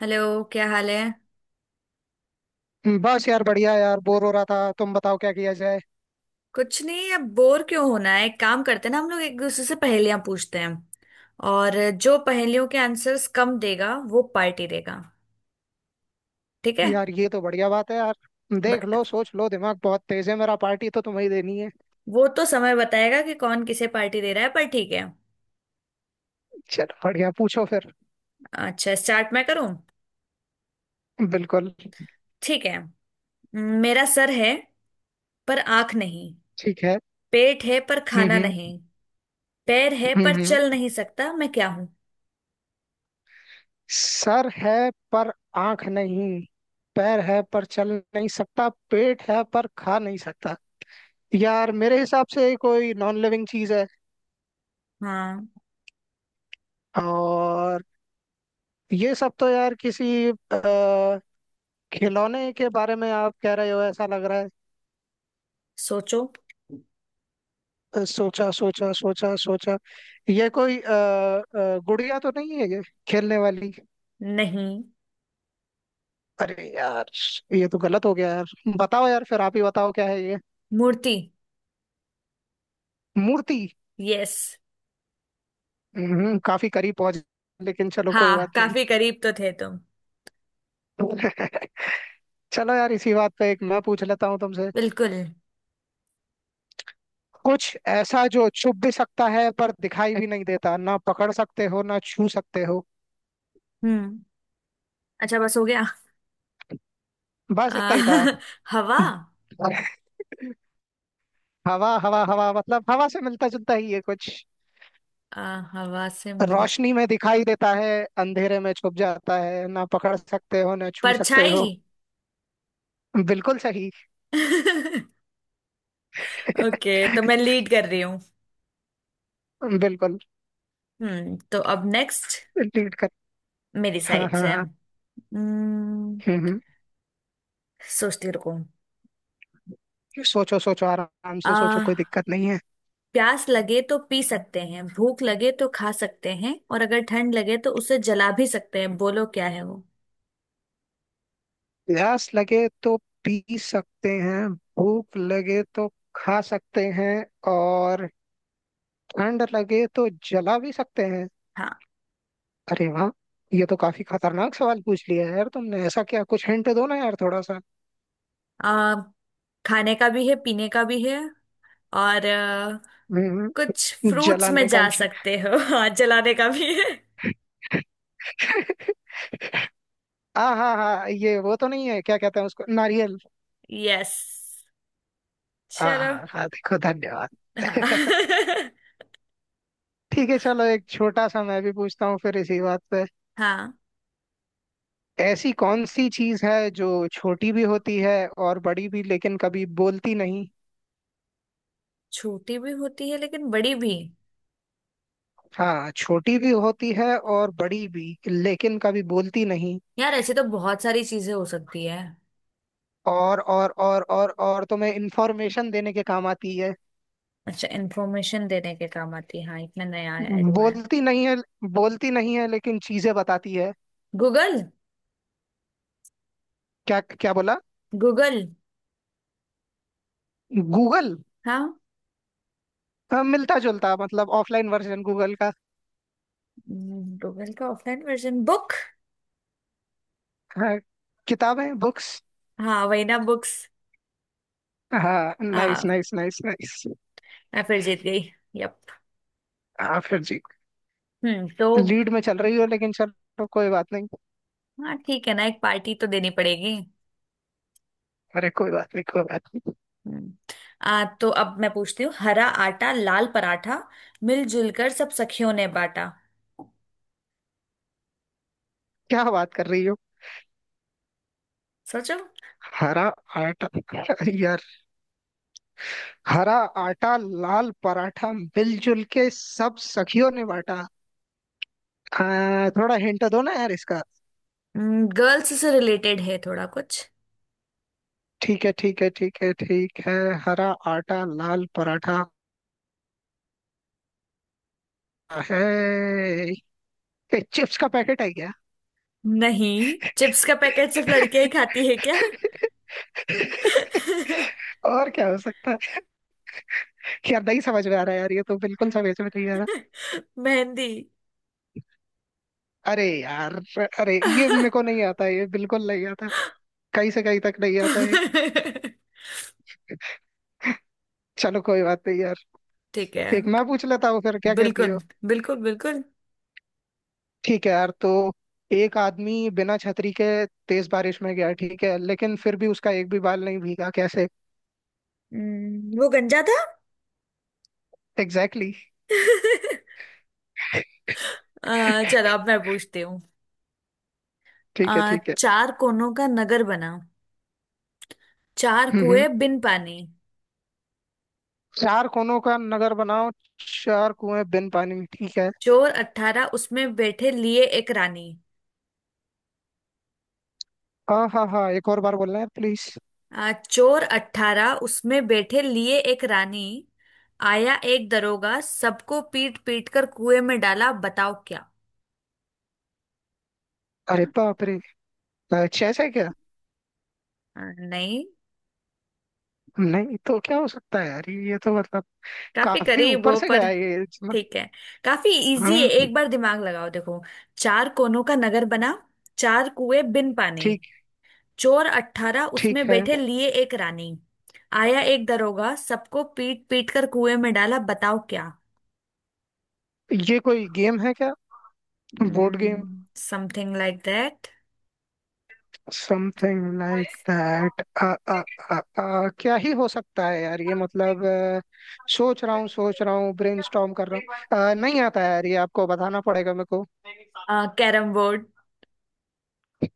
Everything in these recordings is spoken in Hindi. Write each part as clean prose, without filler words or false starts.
हेलो। क्या हाल है? बस यार बढ़िया यार, बोर हो रहा था। तुम बताओ क्या किया जाए। कुछ नहीं, अब बोर क्यों होना है। एक काम करते हैं ना, हम लोग एक दूसरे से पहेलियां पूछते हैं। और जो पहेलियों के आंसर्स कम देगा वो पार्टी देगा। ठीक है। यार ये तो बढ़िया बात है यार। देख बट लो सोच लो, दिमाग बहुत तेज है मेरा। पार्टी तो तुम्हें ही देनी है। वो तो समय बताएगा कि कौन किसे पार्टी दे रहा है, पर ठीक है। चलो बढ़िया, पूछो फिर। अच्छा स्टार्ट मैं करूं? बिल्कुल। ठीक है। मेरा सर है पर आंख नहीं। ठीक है। पेट है पर हम्म, खाना हम्म, नहीं। पैर है हम्म, पर चल नहीं सकता, मैं क्या हूं? सर है पर आंख नहीं, पैर है पर चल नहीं सकता, पेट है पर खा नहीं सकता। यार मेरे हिसाब से कोई नॉन लिविंग चीज है। हाँ। और ये सब तो यार किसी खिलौने के बारे में आप कह रहे हो, ऐसा लग रहा है। सोचो। सोचा सोचा सोचा सोचा। ये कोई गुड़िया तो नहीं है ये, खेलने वाली। नहीं। अरे यार, ये तो गलत हो गया यार। बताओ यार, फिर आप ही बताओ क्या है ये। मूर्ति। मूर्ति। यस। काफी करीब पहुंच। लेकिन चलो कोई हाँ, बात नहीं। काफी करीब तो थे तुम। चलो यार, इसी बात पे एक मैं पूछ लेता हूँ तुमसे। बिल्कुल। कुछ ऐसा जो छुप भी सकता है पर दिखाई भी नहीं देता, ना पकड़ सकते हो ना छू सकते हो। हम्म। अच्छा बस हो गया। आ, बस इतना ही था। हवा। हवा हवा हवा, मतलब हवा से मिलता जुलता ही है कुछ। हवा से मिल। रोशनी में दिखाई देता है, अंधेरे में छुप जाता है, ना पकड़ सकते हो ना छू सकते परछाई। हो। बिल्कुल सही। ओके, तो मैं लीड कर रही हूँ। बिल्कुल। हम्म, तो अब नेक्स्ट। लीड कर। मेरी हाँ साइड हाँ से। हाँ। हम्म। हम्म, सोचती, रुको। सोचो सोचो आराम आ, से सोचो, कोई दिक्कत नहीं है। प्यास लगे तो पी सकते हैं, भूख लगे तो खा सकते हैं, और अगर ठंड लगे तो उसे जला भी सकते हैं। बोलो क्या है वो? प्यास लगे तो पी सकते हैं, भूख लगे तो खा सकते हैं, और ठंड लगे तो जला भी सकते हैं। हाँ। अरे वाह, ये तो काफी खतरनाक सवाल पूछ लिया है यार तुमने। ऐसा क्या? कुछ हिंट दो ना यार थोड़ा सा। आ, खाने का भी है, पीने का भी है। और हम्म, कुछ फ्रूट्स में जलाने का जा भी। सकते हो। हाथ जलाने का भी है। हाँ हाँ हाँ, ये वो तो नहीं है, क्या कहते हैं उसको, नारियल। यस। हाँ चलो। हाँ हाँ, देखो धन्यवाद। हाँ। ठीक है, चलो एक छोटा सा मैं भी पूछता हूँ फिर इसी बात पे। हाँ, ऐसी कौन सी चीज है जो छोटी भी होती है और बड़ी भी, लेकिन कभी बोलती नहीं। छोटी भी होती है लेकिन बड़ी भी। हाँ, छोटी भी होती है और बड़ी भी, लेकिन कभी बोलती नहीं। यार, ऐसे तो बहुत सारी चीजें हो सकती है। और तुम्हें इंफॉर्मेशन देने के काम आती है। अच्छा, इंफॉर्मेशन देने के काम आती है, हाँ इतना नया आया हुआ है। बोलती नहीं है, बोलती नहीं है लेकिन चीजें बताती है। गूगल। क्या क्या बोला? गूगल। गूगल? हाँ। हाँ, मिलता जुलता, मतलब ऑफलाइन वर्जन गूगल का। गूगल का ऑफलाइन वर्जन बुक। हाँ, किताबें, बुक्स। हाँ वही ना, बुक्स। हाँ, नाइस हाँ। Nice nice nice. मैं फिर जीत गई। यप। हाँ फिर जी। हम्म, तो लीड में चल रही हो, लेकिन चलो कोई बात नहीं। हाँ ठीक है ना, एक पार्टी तो देनी पड़ेगी। अरे कोई बात नहीं, कोई बात नहीं। हम्म। आ तो अब मैं पूछती हूँ, हरा आटा लाल पराठा, मिलजुल कर सब सखियों ने बांटा। क्या बात कर रही हो? सोचो। हरा आटा। यार हरा आटा लाल पराठा मिलजुल के सब सखियों ने बांटा। हाँ, थोड़ा हिंट दो ना यार इसका। गर्ल्स से रिलेटेड है थोड़ा कुछ। ठीक है ठीक है ठीक है ठीक है। हरा आटा लाल पराठा है। ए, चिप्स का पैकेट है क्या? नहीं, चिप्स का पैकेट सिर्फ लड़कियां ही खाती है क्या? और क्या हो सकता है? यार नहीं समझ में आ रहा है यार, ये तो बिल्कुल समझ में नहीं आ रहा। मेहंदी। अरे यार, अरे ये मेरे को नहीं आता, ये बिल्कुल नहीं आता, कहीं से कहीं तक नहीं आता है। चलो कोई बात नहीं यार। ठीक है। एक मैं पूछ लेता हूँ फिर, क्या कहती बिल्कुल हो? बिल्कुल बिल्कुल ठीक है यार, तो एक आदमी बिना छतरी के तेज बारिश में गया, ठीक है? लेकिन फिर भी उसका एक भी बाल नहीं भीगा, कैसे? वो गंजा था। Exactly exactly। चलो अब मैं पूछती हूँ। ठीक है ठीक है। चार कोनों का नगर बना, चार हम्म, कुएं बिन पानी। चार कोनों का नगर बनाओ, चार कुएं बिन पानी में, ठीक है। चोर अट्ठारह उसमें बैठे, लिए एक रानी। हाँ हाँ हाँ, एक और बार बोलना है प्लीज। चोर अट्ठारह उसमें बैठे, लिए एक रानी। आया एक दरोगा, सबको पीट पीट कर कुएं में डाला। बताओ क्या? अरे बाप रे, अच्छा ऐसा है क्या? नहीं। नहीं तो क्या हो सकता है यार, ये तो मतलब काफी काफी करीब ऊपर हो, से गया पर है ये। ठीक है। काफी इजी है, हाँ। एक बार दिमाग लगाओ देखो। चार कोनों का नगर बना, चार कुएं बिन पानी। ठीक, चोर अट्ठारह ठीक उसमें है। बैठे, लिए एक रानी। आया एक दरोगा, सबको पीट पीट कर कुएं में डाला। बताओ क्या? ये कोई गेम है क्या, board game? Something like that. Something like that. क्या ही हो सकता है यार, ये मतलब सोच रहा हूँ सोच रहा हूँ, ब्रेनस्टॉर्म कर रहा हूँ। नहीं आता है यार, ये आपको बताना पड़ेगा मेरे को। Carrom board.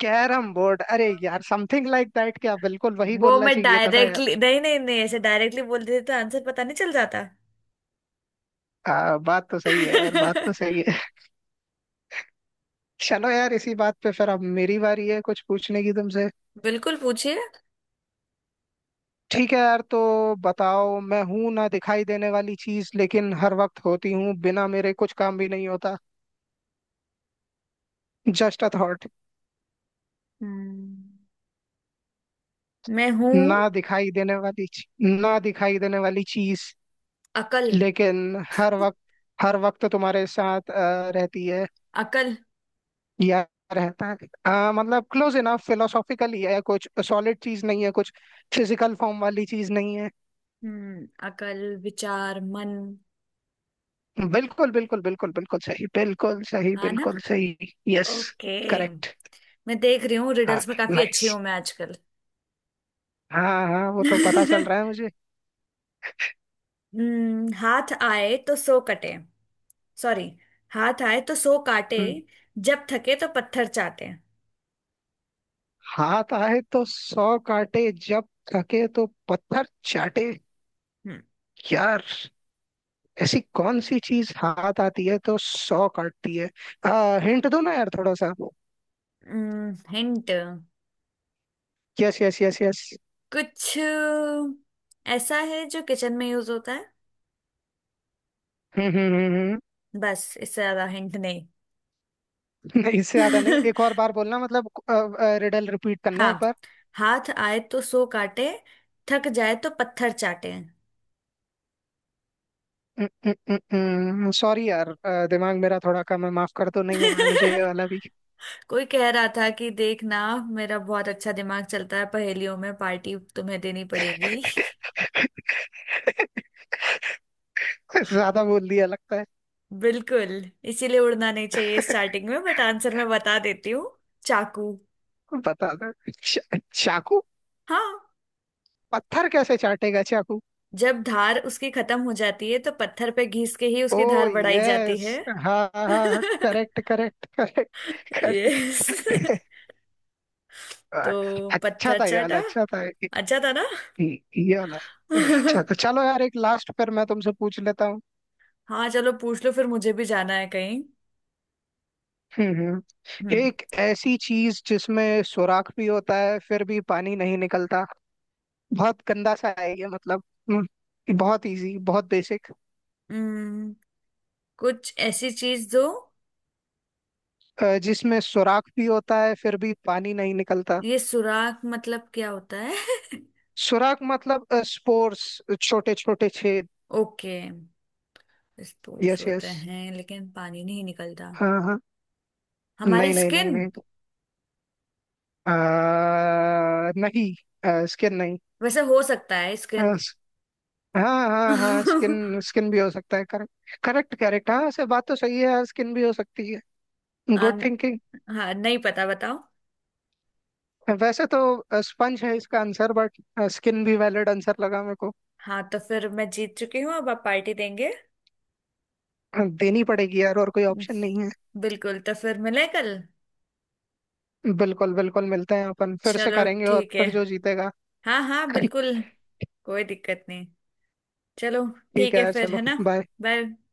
Carrom board. अरे यार, समथिंग लाइक दैट, क्या बिल्कुल वही वो बोलना मैं चाहिए था ना डायरेक्टली यार। नहीं नहीं नहीं ऐसे डायरेक्टली बोल देते तो आंसर पता नहीं चल जाता? बात तो सही है यार, बात तो सही है। चलो यार इसी बात पे, फिर अब मेरी बारी है कुछ पूछने की तुमसे। बिल्कुल पूछिए। ठीक है यार, तो बताओ, मैं हूं ना दिखाई देने वाली चीज, लेकिन हर वक्त होती हूँ, बिना मेरे कुछ काम भी नहीं होता। Just a thought. हम्म, मैं हूँ। ना दिखाई देने वाली ना दिखाई देने वाली चीज, अकल। लेकिन हर वक्त, हर वक्त तुम्हारे साथ रहती है, अकल। या रहता है। मतलब क्लोज इनफ, फिलोसॉफिकली है कुछ, सॉलिड चीज नहीं है कुछ, फिजिकल फॉर्म वाली चीज नहीं है। हम्म, अकल, विचार, मन। बिल्कुल बिल्कुल बिल्कुल बिल्कुल सही, बिल्कुल सही, हाँ ना। बिल्कुल सही, यस। ओके। करेक्ट। मैं देख रही हूँ, हाँ, रिडल्स में काफी अच्छी नाइस। हूँ मैं आजकल। हाँ हाँ, वो तो पता चल रहा है मुझे। हम्म, हाथ आए तो सो कटे। सॉरी, हाथ आए तो सो काटे, हम्म, जब थके तो पत्थर चाटे। हाथ आए तो सौ काटे, जब थके तो पत्थर चाटे। हम्म। यार, ऐसी कौन सी चीज हाथ आती है तो सौ काटती है। हिंट दो ना यार थोड़ा सा। Hint. Yes yes yes yes. कुछ ऐसा है जो किचन में यूज होता है। हम्म, हम्म, हम्म, हम्म। बस, इससे ज्यादा हिंट नहीं। नहीं, इससे ज्यादा नहीं, एक और बार बोलना मतलब रिडल रिपीट करना है एक हाँ, बार। हाथ आए तो सो काटे, थक जाए तो पत्थर चाटे। सॉरी यार, दिमाग मेरा थोड़ा कम है, माफ कर, तो नहीं है मुझे ये वाला भी। कोई कह रहा था कि देखना मेरा बहुत अच्छा दिमाग चलता है पहेलियों में, पार्टी तुम्हें देनी पड़ेगी। ज्यादा बोल दिया लगता है। बिल्कुल। इसीलिए उड़ना नहीं चाहिए स्टार्टिंग में, बट आंसर मैं बता देती हूँ। चाकू। बता दो। चाकू? हाँ, पत्थर कैसे चाटेगा चाकू? जब धार उसकी खत्म हो जाती है तो पत्थर पे घिस के ही उसकी ओ धार बढ़ाई जाती है। यस, हाँ हाँ हाँ, correct correct correct, yes, correct. तो अच्छा पत्थर था ये वाला, चाटा। अच्छा था ये अच्छा था ना। ये वाला, ये अच्छा। तो चलो यार, एक लास्ट फिर मैं तुमसे पूछ लेता हूँ। हाँ, चलो पूछ लो, फिर मुझे भी जाना है कहीं। हम्म, हम्म। एक ऐसी चीज जिसमें सुराख भी होता है फिर भी पानी नहीं निकलता। बहुत गंदा सा है ये, मतलब। हम्म, बहुत इजी, बहुत बेसिक। हम्म, कुछ ऐसी चीज दो। जिसमें सुराख भी होता है फिर भी पानी नहीं निकलता। ये सुराख मतलब क्या होता है? सुराख मतलब स्पोर्स, छोटे छोटे छेद। ओके। स्पूस यस होते यस, हैं लेकिन पानी नहीं निकलता। हाँ हाँ। हमारी नहीं नहीं नहीं स्किन। नहीं, नहीं स्किन नहीं। वैसे हो सकता है स्किन। अ, स- हाँ हाँ हाँ, स्किन स्किन भी हो सकता है, करेक्ट करेक्ट करेक्ट, हाँ से बात तो सही है, स्किन भी हो सकती है। Good thinking. हाँ नहीं पता, बताओ। वैसे तो स्पंज है इसका आंसर, बट स्किन भी वैलिड आंसर लगा मेरे को। हाँ, तो फिर मैं जीत चुकी हूँ, अब आप पार्टी देंगे। देनी पड़ेगी यार, और कोई ऑप्शन नहीं है। बिल्कुल, तो फिर मिले कल। बिल्कुल बिल्कुल, मिलते हैं अपन, फिर से चलो करेंगे, और ठीक है। फिर जो जीतेगा। हाँ हाँ बिल्कुल। कोई दिक्कत नहीं। चलो। ठीक ठीक है है यार फिर, चलो। है ना? बाय। बाय।